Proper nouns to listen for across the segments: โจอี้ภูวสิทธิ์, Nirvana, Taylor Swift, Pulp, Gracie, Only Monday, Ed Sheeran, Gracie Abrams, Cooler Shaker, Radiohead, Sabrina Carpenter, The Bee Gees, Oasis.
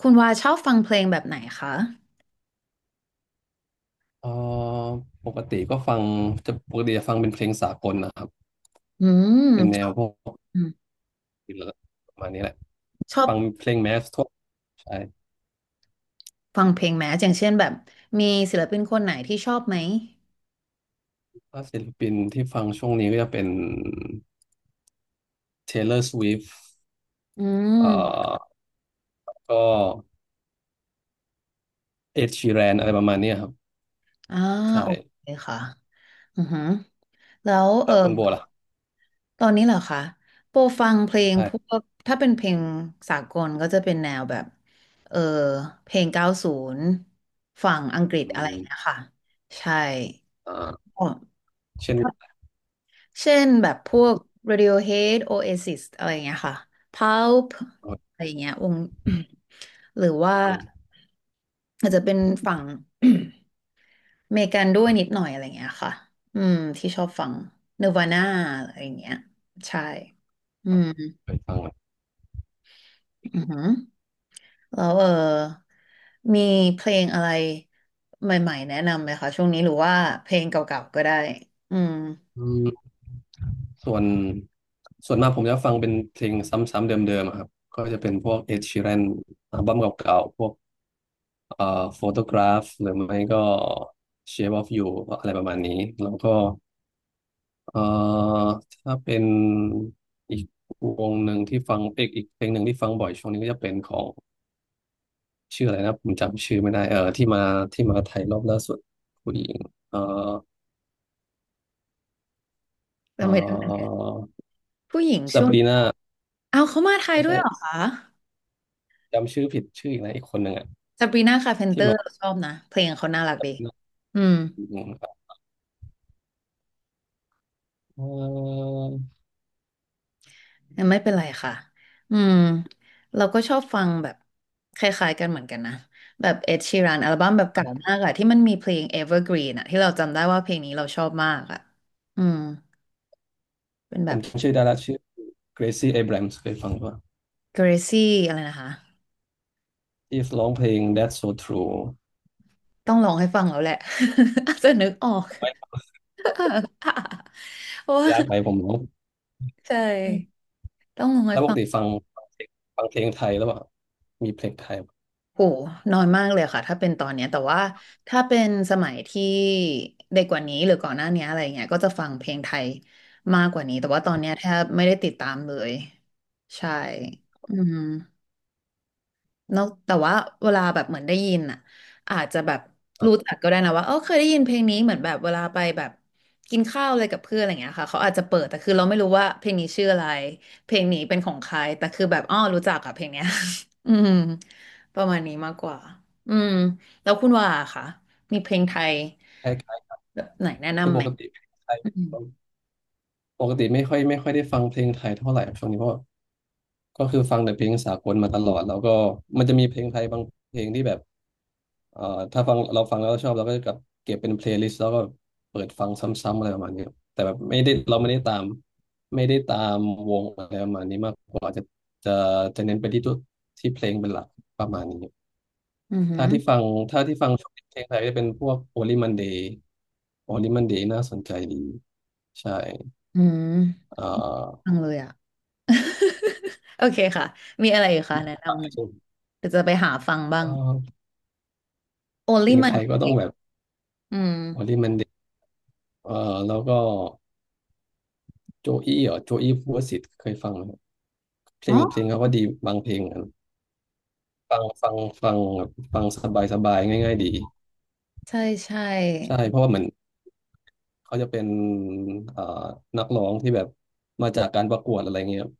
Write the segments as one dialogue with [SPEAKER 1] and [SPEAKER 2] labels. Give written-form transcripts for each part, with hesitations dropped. [SPEAKER 1] คุณวาชอบฟังเพลงแบบไหนคะ
[SPEAKER 2] เอ่อปกติก็ฟังปกติจะฟังเป็นเพลงสากลนะครับ
[SPEAKER 1] อื
[SPEAKER 2] เป็น
[SPEAKER 1] ม
[SPEAKER 2] แนวพวกประมาณนี้แหละ
[SPEAKER 1] ชอบ
[SPEAKER 2] ฟังเพลงแมสทั่วใช่
[SPEAKER 1] ฟังเพลงไหมอย่างเช่นแบบมีศิลปินคนไหนที่ชอบไหม
[SPEAKER 2] ถ้าศิลปินที่ฟังช่วงนี้ก็จะเป็น Taylor Swift
[SPEAKER 1] อื
[SPEAKER 2] เอ่
[SPEAKER 1] ม
[SPEAKER 2] อก็ Ed Sheeran อะไรประมาณเนี้ยครับ
[SPEAKER 1] อ่า
[SPEAKER 2] ใช่
[SPEAKER 1] โอเคค่ะอือหือแล้ว
[SPEAKER 2] แล้วคุณโบล่ะครับ
[SPEAKER 1] ตอนนี้เหรอคะโปรฟังเพลงพ
[SPEAKER 2] ใช่
[SPEAKER 1] วกถ้าเป็นเพลงสากลก็จะเป็นแนวแบบเออเพลง90ฝั่งอังกฤษ
[SPEAKER 2] อื
[SPEAKER 1] อะไรอ
[SPEAKER 2] ม
[SPEAKER 1] ย่างเงี้ยค่ะ ใช่
[SPEAKER 2] อ่า
[SPEAKER 1] อ๋อ
[SPEAKER 2] เช่น
[SPEAKER 1] เช่นแบบพวก Radiohead Oasis อะไรอย่างเงี้ยค่ะ Pulp
[SPEAKER 2] อ
[SPEAKER 1] อะไรอย่างเงี้ยวง หรือว่า
[SPEAKER 2] ืม
[SPEAKER 1] อาจจะเป็นฝั่ง อเมริกันด้วยนิดหน่อยอะไรอย่างเงี้ยค่ะอืมที่ชอบฟัง Nirvana อะไรอย่างเงี้ยใช่อืม
[SPEAKER 2] เคยฟังไหม
[SPEAKER 1] อือหือแล้วมีเพลงอะไรใหม่ๆแนะนำไหมคะช่วงนี้หรือว่าเพลงเก่าๆก็ได้อืม
[SPEAKER 2] อืมส่วนส่วนมากผมจะฟังเป็นเพลงซ้ำๆเดิมๆอะครับก็จะเป็นพวก Ed Sheeran อัลบั้มเก่าๆพวก เอ่อโฟโตกราฟหรือไม่ก็ Shape of You อะไรประมาณนี้แล้วก็เอ่อถ้าเป็นอีกวงหนึ่งที่ฟังเอกอีกเพลงหนึ่งที่ฟังบ่อยช่วงนี้ก็จะเป็นของชื่ออะไรนะผมจำชื่อไม่ได้เออที่มาที่มาไทยรอบล่าสุดผู้หญิงเอ่อ
[SPEAKER 1] ทำ
[SPEAKER 2] เอ่
[SPEAKER 1] ไมถึง
[SPEAKER 2] อ
[SPEAKER 1] ผู้หญิง
[SPEAKER 2] ซา
[SPEAKER 1] ช่ว
[SPEAKER 2] บ
[SPEAKER 1] ง
[SPEAKER 2] รีนา
[SPEAKER 1] เอาเขามาไทย
[SPEAKER 2] ไม่
[SPEAKER 1] ด้ว
[SPEAKER 2] ใช่
[SPEAKER 1] ยเหรอคะ
[SPEAKER 2] จำชื่อผิดชื่ออีกนะอีกคนหนึ่งอ่ะ
[SPEAKER 1] ซาบรีนาคาร์เพนเต
[SPEAKER 2] ที่
[SPEAKER 1] อร์
[SPEAKER 2] มา
[SPEAKER 1] เราชอบนะเพลงเขาน่ารักดีอืม
[SPEAKER 2] อืมครับเอ่อ
[SPEAKER 1] ยังไม่เป็นไรค่ะอืมเราก็ชอบฟังแบบคล้ายๆกันเหมือนกันนะแบบเอ็ดชีรันอัลบั้มแบบเก่ามากอะที่มันมีเพลง Evergreen อะที่เราจำได้ว่าเพลงนี้เราชอบมากอะอืมเป็นแบ
[SPEAKER 2] ผม
[SPEAKER 1] บ
[SPEAKER 2] จำชื่อได้ละชื่อ Gracie Abrams เคยฟังป่ะ
[SPEAKER 1] Gracie อะไรนะคะ
[SPEAKER 2] ที่ร้องเพลง That's So True
[SPEAKER 1] ต้องลองให้ฟังแล้วแหละ อาจจะนึกออกเพราะว่า
[SPEAKER 2] ยากไหมผมรู้
[SPEAKER 1] ใช่
[SPEAKER 2] อ
[SPEAKER 1] ต้องลองให้
[SPEAKER 2] แล้วป
[SPEAKER 1] ฟั
[SPEAKER 2] ก
[SPEAKER 1] ง
[SPEAKER 2] ติฟังฟังเพลงฟังเพลงไทยแล้วเปล่ามีเพลงไทยแ
[SPEAKER 1] โหน้อยมากเลยค่ะถ้าเป็นตอนเนี้ยแต่ว่าถ้าเป็นสมัยที่เด็กกว่านี้หรือก่อนหน้านี้อะไรเงี้ยก็จะฟังเพลงไทยมากกว่านี้ แต่ว่าตอนเนี้ยแทบไม่ได้ติดตามเลย ใช่อืม นอกแต่ว่าเวลาแบบเหมือนได้ยินอ่ะอาจจะแบบ
[SPEAKER 2] บ
[SPEAKER 1] รู้
[SPEAKER 2] บ
[SPEAKER 1] จักก็ได้นะว่าเออเคยได้ยินเพลงนี้เหมือนแบบเวลาไปแบบกินข้าวอะไรกับเพื่อนอะไรอย่างเงี้ยค่ะเขาอาจจะเปิดแต่คือเราไม่รู้ว่าเพลงนี้ชื่ออะไรเพลงนี้เป็นของใครแต่คือแบบอ้อรู้จักกับเพลงเนี้ย อืมประมาณนี้มากกว่าอืมแล้วคุณว่าค่ะมีเพลงไทย
[SPEAKER 2] คล้าย
[SPEAKER 1] แบบไหนแนะ
[SPEAKER 2] ๆคือ
[SPEAKER 1] นำ
[SPEAKER 2] ป
[SPEAKER 1] ไหม
[SPEAKER 2] กติเพลงไทย
[SPEAKER 1] อืม
[SPEAKER 2] ผมปกติไม่ค่อยได้ฟังเพลงไทยเท่าไหร่ช่วงนี้เพราะก็คือฟังแต่เพลงสากลมาตลอดแล้วก็มันจะมีเพลงไทยบางเพลงที่แบบเอ่อถ้าฟังเราฟังแล้วชอบเราก็จะกลับเก็บเป็นเพลย์ลิสต์แล้วก็เปิดฟังซ้ำๆอะไรประมาณนี้ครับแต่แบบไม่ได้เราไม่ได้ตามไม่ได้ตามวงอะไรประมาณนี้มากกว่าจะจะจะเน้นไปที่ตัวที่เพลงเป็นหลักประมาณนี้
[SPEAKER 1] อือหื
[SPEAKER 2] ถ้า
[SPEAKER 1] อ
[SPEAKER 2] ที่ฟังช่วงนี้เพลงไทยจะเป็นพวก Only Monday Only Monday น่าสนใจดีใช่
[SPEAKER 1] อืม
[SPEAKER 2] เอ่อ
[SPEAKER 1] ฟังเลยอ่ะ โอเคค่ะมีอะไรอีกคะแนะนำหน่อย
[SPEAKER 2] เ
[SPEAKER 1] เดี๋ยวจะไปหาฟังบ้า
[SPEAKER 2] อ่
[SPEAKER 1] ง
[SPEAKER 2] อ
[SPEAKER 1] โอ
[SPEAKER 2] เพ
[SPEAKER 1] ลิ
[SPEAKER 2] ลง
[SPEAKER 1] มั
[SPEAKER 2] ไท
[SPEAKER 1] น
[SPEAKER 2] ยก็ต้องแบบ
[SPEAKER 1] อืม
[SPEAKER 2] Only Monday เอ่อแล้วก็โจอี้เหรอโจอี้ภูวสิทธิ์เคยฟังไหมครับเพล
[SPEAKER 1] อ๋อ
[SPEAKER 2] งเพลงเขาก็ดีบางเพลงอะฟังฟังฟังฟังสบายสบายง่ายๆดี
[SPEAKER 1] ใช่ใช่
[SPEAKER 2] ใช่เพราะว่าเหมือนเขาจะเป็นเอ่อนักร้องที่แบบมาจากการประกวดอะไรเงี้ยครับ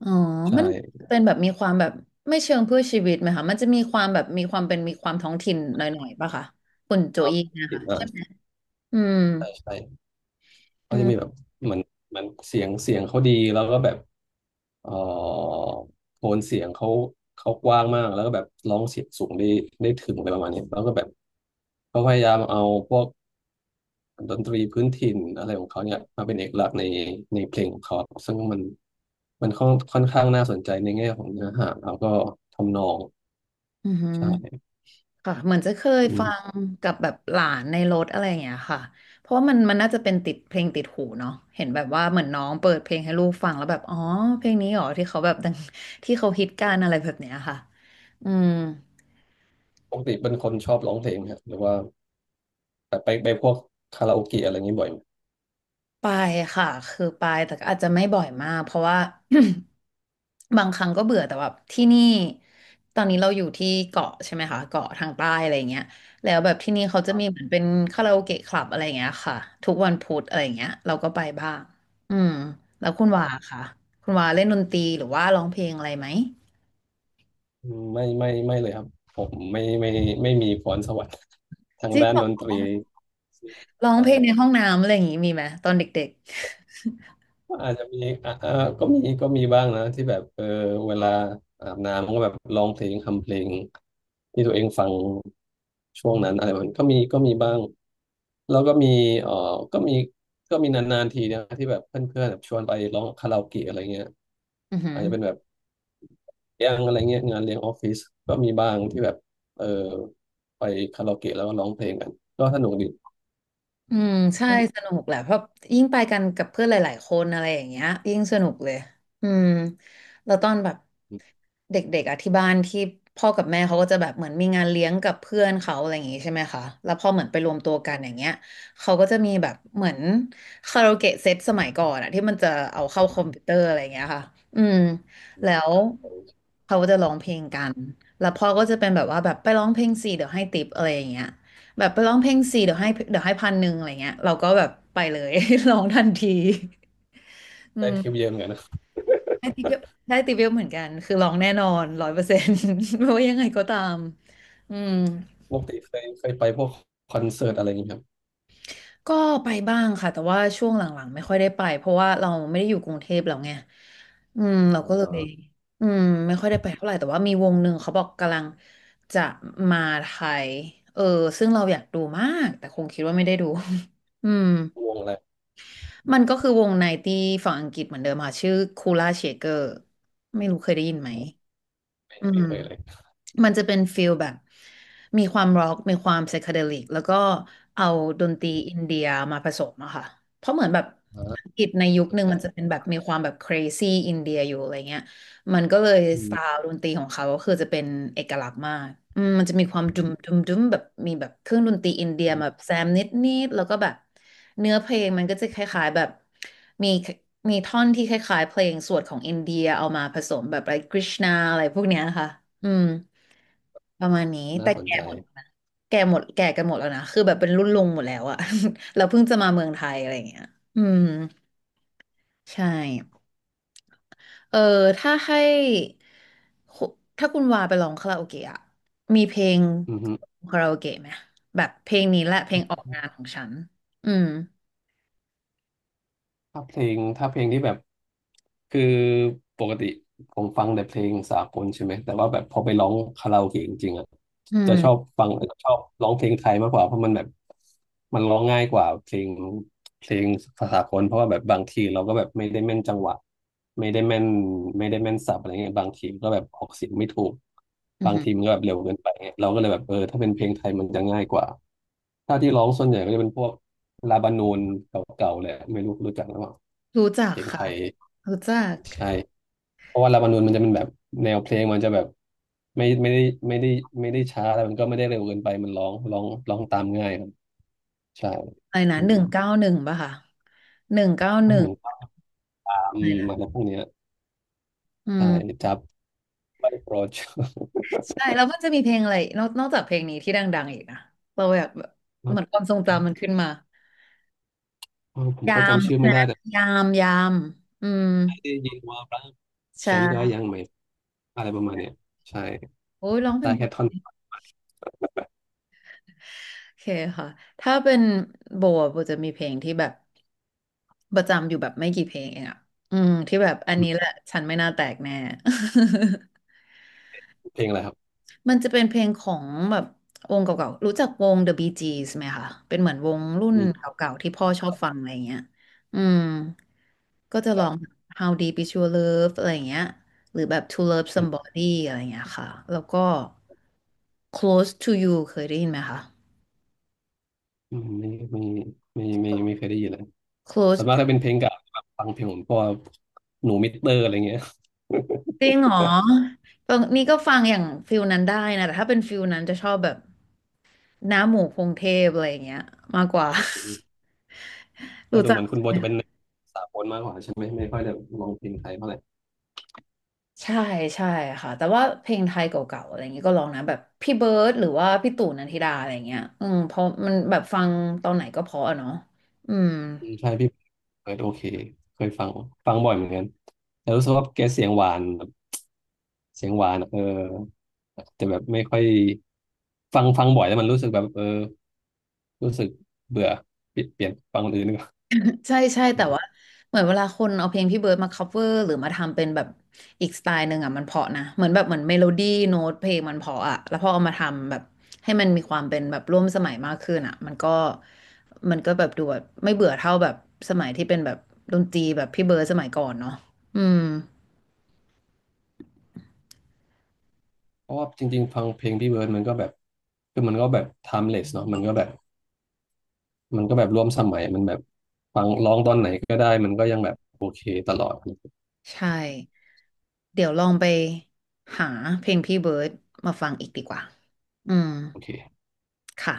[SPEAKER 1] อ๋อ
[SPEAKER 2] ใช
[SPEAKER 1] มัน
[SPEAKER 2] ่
[SPEAKER 1] เป็นแบบมีความแบบไม่เชิงเพื่อชีวิตไหมคะมันจะมีความแบบมีความเป็นมีความท้องถิ่นหน่อยๆป่ะคะคุณโจ
[SPEAKER 2] ภาพ
[SPEAKER 1] อี้นะ
[SPEAKER 2] ผิด
[SPEAKER 1] คะ
[SPEAKER 2] อ่ะ
[SPEAKER 1] ใช่ไหมอืม
[SPEAKER 2] ใช่ใช่
[SPEAKER 1] อื
[SPEAKER 2] เขาจะ
[SPEAKER 1] ม
[SPEAKER 2] มีแบบเหมือนเหมือนเสียงเขาดีแล้วก็แบบเอ่อโทนเสียงเขาเขากว้างมากแล้วก็แบบร้องเสียงสูงได้ได้ถึงอะไรประมาณนี้แล้วก็แบบเขาพยายามเอาพวกดนตรีพื้นถิ่นอะไรของเขาเนี่ยมาเป็นเอกลักษณ์ในเพลงของเขาซึ่งมันมันค่อนข้างน่าสนใจในแง่ของเนื้อหาแล้วก็ทำนอง
[SPEAKER 1] อืม
[SPEAKER 2] ใช่
[SPEAKER 1] ค่ะเหมือนจะเคย
[SPEAKER 2] อื
[SPEAKER 1] ฟั
[SPEAKER 2] ม
[SPEAKER 1] งกับแบบหลานในรถอะไรอย่างเงี้ยค่ะเพราะว่ามันน่าจะเป็นติดเพลงติดหูเนาะเห็นแบบว่าเหมือนน้องเปิดเพลงให้ลูกฟังแล้วแบบอ๋อเพลงนี้เหรอที่เขาแบบดังที่เขาฮิตกันอะไรแบบเนี้ยค่ะอืม
[SPEAKER 2] ปกติเป็นคนชอบร้องเพลงไหมครับหรือว่าแบบไปพวกคาราโอเกะอะไรอย่างนี้บ่อยไหม
[SPEAKER 1] ไปค่ะคือไปแต่ก็อาจจะไม่บ่อยมากเพราะว่า บางครั้งก็เบื่อแต่แบบที่นี่ตอนนี้เราอยู่ที่เกาะใช่ไหมคะเกาะทางใต้อะไรเงี้ยแล้วแบบที่นี่เขาจะมีเหมือนเป็นคาราโอเกะคลับอะไรเงี้ยค่ะทุกวันพุธอะไรเงี้ยเราก็ไปบ้างอืมแล้วคุณวาค่ะคุณวาเล่นดนตรีหรือว่าร้องเพลงอะไรไหม
[SPEAKER 2] อืมไม่เลยครับผมไม่มีพรสวรรค์ ทาง
[SPEAKER 1] จริง
[SPEAKER 2] ด้าน
[SPEAKER 1] เหรอ
[SPEAKER 2] ดนตรี
[SPEAKER 1] ร้องเพลงในห้
[SPEAKER 2] ใช่
[SPEAKER 1] องน้ำอะไรอย่างงี้มีไหมตอนเด็ก
[SPEAKER 2] อาจจะมีอ่ะก็มีบ้างนะที่แบบเออเวลาอาบน้ำก็แบบร้องเพลงทำเพลงที่ตัวเองฟังช่วงนั้นอะไรแบบนี้ก็มีบ้างแล้วก็มีเออก็มีก็มีนานๆทีนะที่แบบเพื่อนๆแบบชวนไปร้องคาราโอเกะอะไรเงี้ย
[SPEAKER 1] ๆอือหื
[SPEAKER 2] อา
[SPEAKER 1] อ
[SPEAKER 2] จจะเป็นแบบเลี้ยงอะไรเงี้ยงานเลี้ยงออฟฟิศก็มีบ้างที่แบบเออไปคาราโอเกะแล้วก็ร้องเพลงกันก็สนุกดี
[SPEAKER 1] อืมใช่สนุกแหละเพราะยิ่งไปกันกับเพื่อนหลาย ๆ คนอะไรอย่างเงี้ยยิ่งสนุกเลยอืมแล้วตอนแบบเด็กๆอ่ะที่บ้านที่พ่อกับแม่เขาก็จะแบบเหมือนมีงานเลี้ยงกับเพื่อนเขาอะไรอย่างงี้ใช่ไหมคะแล้วพอเหมือนไปรวมตัวกันอย่างเงี้ยเขาก็จะมีแบบเหมือนคาราโอเกะเซตสมัยก่อนอ่ะที่มันจะเอาเข้าคอมพิวเตอร์อะไรอย่างเงี้ยค่ะอืมแล้วเขาก็จะร้องเพลงกันแล้วพ่อก็จะเป็นแบบว่าแบบไปร้องเพลงสิเดี๋ยวให้ติปอะไรอย่างเงี้ย แบบไปร้องเพลงส่เดี๋ยวให้เดี๋ยวให้1,100อะไรเงี้ยเราก็แบบไปเลย ร้องทันทีอื
[SPEAKER 2] ได้ทริป
[SPEAKER 1] ม
[SPEAKER 2] เยอะเหมือนกันน
[SPEAKER 1] ได้ติปเยอะได้ติปเยอะเหมือนกันคือร้องแน่นอน100% ไม่ว่ายังไงก็ตามอืม
[SPEAKER 2] ปกติเคยไปพวกคอนเสิร์ตอะไรอย่างนี้ครับ
[SPEAKER 1] ก็ไปบ้างค่ะแต่ว่าช่วงหลังๆไม่ค่อยได้ไปเพราะว่าเราไม่ได้อยู่กรุงเทพแล้วไงอืมเรา
[SPEAKER 2] อ
[SPEAKER 1] ก็เล
[SPEAKER 2] า
[SPEAKER 1] ยอืมไม่ค่อยได้ไปเท่าไหร่แต่ว่ามีวงหนึ่งเขาบอกกำลังจะมาไทยเออซึ่งเราอยากดูมากแต่คงคิดว่าไม่ได้ดู อืม
[SPEAKER 2] วงอะไร
[SPEAKER 1] มันก็คือวงไนตี้ฝั่งอังกฤษเหมือนเดิมค่ะชื่อคูล่าเชเกอร์ไม่รู้เคยได้ยินไหม
[SPEAKER 2] ไม
[SPEAKER 1] อื
[SPEAKER 2] ไม่
[SPEAKER 1] ม
[SPEAKER 2] เคยเลย
[SPEAKER 1] มันจะเป็นฟิลแบบมีความร็อกมีความไซเคเดลิกแล้วก็เอาดนตรีอินเดียมาผสมอะค่ะเพราะเหมือนแบบ
[SPEAKER 2] อ่า
[SPEAKER 1] อังกฤษในยุค
[SPEAKER 2] ส
[SPEAKER 1] ห
[SPEAKER 2] น
[SPEAKER 1] นึ่ง
[SPEAKER 2] ใจ
[SPEAKER 1] มันจะเป็นแบบมีความแบบ crazy อินเดียอยู่อะไรเงี้ย มันก็เลย
[SPEAKER 2] อื
[SPEAKER 1] สไต
[SPEAKER 2] ม
[SPEAKER 1] ล์ดนตรีของเขาก็คือจะเป็นเอกลักษณ์มากอืมมันจะมีความ
[SPEAKER 2] อื
[SPEAKER 1] ดุม
[SPEAKER 2] ม
[SPEAKER 1] ดุมดุมแบบมีแบบเครื่องดนตรีอินเดีย
[SPEAKER 2] อืม
[SPEAKER 1] แบบแซมนิดนิดแล้วก็แบบเนื้อเพลงมันก็จะคล้ายๆแบบมีมีท่อนที่คล้ายๆเพลงสวดของอินเดียเอามาผสมแบบอะไรกริชนาอะไรพวกเนี้ยค่ะอืมประมาณนี้
[SPEAKER 2] น่า
[SPEAKER 1] แต่
[SPEAKER 2] สน
[SPEAKER 1] แก่
[SPEAKER 2] ใจ
[SPEAKER 1] หมดนะแก่หมดแก่กันหมดแล้วนะคือแบบเป็นรุ่นลุงหมดแล้วอะ เราเพิ่งจะมาเมืองไทยอะไรอย่างเงี้ยอืมใช่ เออถ้าให้คุถ้าคุณวาไปร้องคาราโอเกะอะมีเพลง
[SPEAKER 2] อือฮึ
[SPEAKER 1] คาราโอเกะไหมแบบเพลงนี้แหละเพลงออกงานของฉันอืม
[SPEAKER 2] ถ้าเพลงที่แบบคือปกติ ผมฟังแต่เพลงสากลใช่ไหมแต่ว่าแบบพอไปร้องคาราโอเกะจริงๆอ่ะ
[SPEAKER 1] อื
[SPEAKER 2] จะ
[SPEAKER 1] ม
[SPEAKER 2] ชอบร้องเพลงไทยมากกว่าเพราะมันแบบมันร้องง่ายกว่าเพลงภาษากลเพราะว่าแบบบางทีเราก็แบบไม่ได้แม่นจังหวะไม่ได้แม่นไม่ได้แม่นศัพท์อะไรเงี้ยบางทีก็แบบออกเสียงไม่ถูก
[SPEAKER 1] อื
[SPEAKER 2] บาง
[SPEAKER 1] ม
[SPEAKER 2] ทีมันก็แบบเร็วเกินไปเงี้ยเราก็เลยแบบเออถ้าเป็นเพลงไทยมันจะง่ายกว่าถ้าที่ร้องส่วนใหญ่ก็จะเป็นพวกลาบานูนเก่าๆแหละไม่รู้รู้จักหรือเปล่า
[SPEAKER 1] รู้จัก
[SPEAKER 2] เพลงไท
[SPEAKER 1] ค่ะ
[SPEAKER 2] ย
[SPEAKER 1] รู้จัก
[SPEAKER 2] ใช่ เพราะว่าลาบานูนมันจะเป็นแบบแนวเพลงมันจะแบบไม่ไม่ได้ไม่ได้ไม่ได้ช้าแล้วมันก็ไม่ได้เร็วเกินไปมันร้องตามง่ายครับใช่
[SPEAKER 1] อะไรนะ
[SPEAKER 2] อื
[SPEAKER 1] ห
[SPEAKER 2] ม
[SPEAKER 1] นึ่งเก้าหนึ่งป่ะค่ะหนึ่งเก้าห
[SPEAKER 2] ให้
[SPEAKER 1] นึ่ง
[SPEAKER 2] หนึ่งตามอ
[SPEAKER 1] อะไร
[SPEAKER 2] ะไร
[SPEAKER 1] นะ
[SPEAKER 2] พวกเนี้ย
[SPEAKER 1] อื
[SPEAKER 2] ใช่
[SPEAKER 1] ม
[SPEAKER 2] จับไปโปรด
[SPEAKER 1] ใช่แล้วมันจะมีเพลงอะไรนอกจากเพลงนี้ที่ดังๆอีกนะเราอยากแบบเหมือนความทรงจำมันขึ้นมา
[SPEAKER 2] เออผม
[SPEAKER 1] ยา
[SPEAKER 2] ก็
[SPEAKER 1] ม
[SPEAKER 2] จำชื่อ
[SPEAKER 1] ใช่
[SPEAKER 2] ไม่
[SPEAKER 1] ไหม
[SPEAKER 2] ได้แต่
[SPEAKER 1] ยามยามอืม
[SPEAKER 2] ได้ยินว่าบ้างฉันก็
[SPEAKER 1] ใช่
[SPEAKER 2] ยังไม่อะไรประมาณเนี้ยใช่
[SPEAKER 1] โอ้ยร้องเพล
[SPEAKER 2] ได้
[SPEAKER 1] งเพ
[SPEAKER 2] แค่
[SPEAKER 1] ราะ
[SPEAKER 2] ท่อน
[SPEAKER 1] โอเคค่ะ ถ้าเป็นโบอะโบจะมีเพลงที่แบบประจำอยู่แบบไม่กี่เพลงเองอ่ะ อืมที่แบบอัน
[SPEAKER 2] อื
[SPEAKER 1] นี้แห
[SPEAKER 2] ม
[SPEAKER 1] ละฉันไม่น่าแตกแน่
[SPEAKER 2] เพลงอะไรครับ
[SPEAKER 1] มันจะเป็นเพลงของแบบวงเก่าๆ รู้จักวง The Bee Gees ไหมคะเป็นเหมือนวงรุ่น
[SPEAKER 2] มี
[SPEAKER 1] เก่าๆที่พ่อชอบฟังอะไรเงี้ย อืมก็จะล
[SPEAKER 2] จา
[SPEAKER 1] อ
[SPEAKER 2] ก
[SPEAKER 1] ง How Deep Is Your Love อะไรเงี้ย หรือแบบ To Love
[SPEAKER 2] อืม
[SPEAKER 1] Somebody อะไรเงี้ยค่ะ แล้วก็ Close to You เคยได้ยินไหมคะ
[SPEAKER 2] อืมไม่เคยได้ยินเลยส่วน
[SPEAKER 1] Close
[SPEAKER 2] มากถ้าเป็นเพลงเก่าแบบฟังเพลงผมก็หนูมิสเตอร์อะไรเงี้ย
[SPEAKER 1] จริงเหรอตรงนี้ก็ฟังอย่างฟิลนั้นได้นะแต่ถ้าเป็นฟิลนั้นจะชอบแบบน้าหมูพงเทพอะไรอย่างเงี้ยมากกว่า
[SPEAKER 2] แต่
[SPEAKER 1] รู้
[SPEAKER 2] ดู
[SPEAKER 1] จั
[SPEAKER 2] เห
[SPEAKER 1] ก
[SPEAKER 2] มือนคุณโบ
[SPEAKER 1] ไหม
[SPEAKER 2] จะเป็นสากลมากกว่าใช่ไหมไม่ค่อยได้ร้องเพลงไทยเท่าไหร่
[SPEAKER 1] ใช่ใช่ค่ะแต่ว่าเพลงไทยเก่าๆอะไรอย่างเงี้ยก็ลองนะแบบพี่เบิร์ดหรือว่าพี่ตู่นันทิดาอะไรอย่างเงี้ยอืมเพราะมันแบบฟังตอนไหนก็เพราะอะเนาะอืม
[SPEAKER 2] อืมใช่พี่เปิดโอเคเคยฟังฟังบ่อยเหมือนกันแต่รู้สึกว่าแกเสียงหวานแบบเสียงหวานอะเออแต่แบบไม่ค่อยฟังฟังบ่อยแล้วมันรู้สึกแบบเออรู้สึกเบื่อเปลี่ยนฟังคนอื่นดีกว่า
[SPEAKER 1] ใช่ใช่แต่ว่า
[SPEAKER 2] เออ
[SPEAKER 1] เหมือนเวลาคนเอาเพลงพี่เบิร์ดมา cover หรือมาทำเป็นแบบอีกสไตล์หนึ่งอ่ะมันเพราะนะเหมือนแบบเหมือนเมโลดี้โน้ตเพลงมันเพราะอ่ะแล้วพอเอามาทำแบบให้มันมีความเป็นแบบร่วมสมัยมากขึ้นอ่ะมันก็แบบดูแบบไม่เบื่อเท่าแบบสมัยที่เป็นแบบดนตรีแบบพี่เบิร์ดสมัยก่อนเนาะอืม
[SPEAKER 2] เพราะว่าจริงๆฟังเพลงพี่เบิร์ดมันก็แบบคือมันก็แบบ timeless เนาะมันก็แบบมันก็แบบร่วมสมัยมันแบบฟังร้องตอนไหนก็ได้มันก็ยังแบบโอเคตลอด
[SPEAKER 1] ใช่เดี๋ยวลองไปหาเพลงพี่เบิร์ดมาฟังอีกดีกว่าอืม
[SPEAKER 2] โอเค
[SPEAKER 1] ค่ะ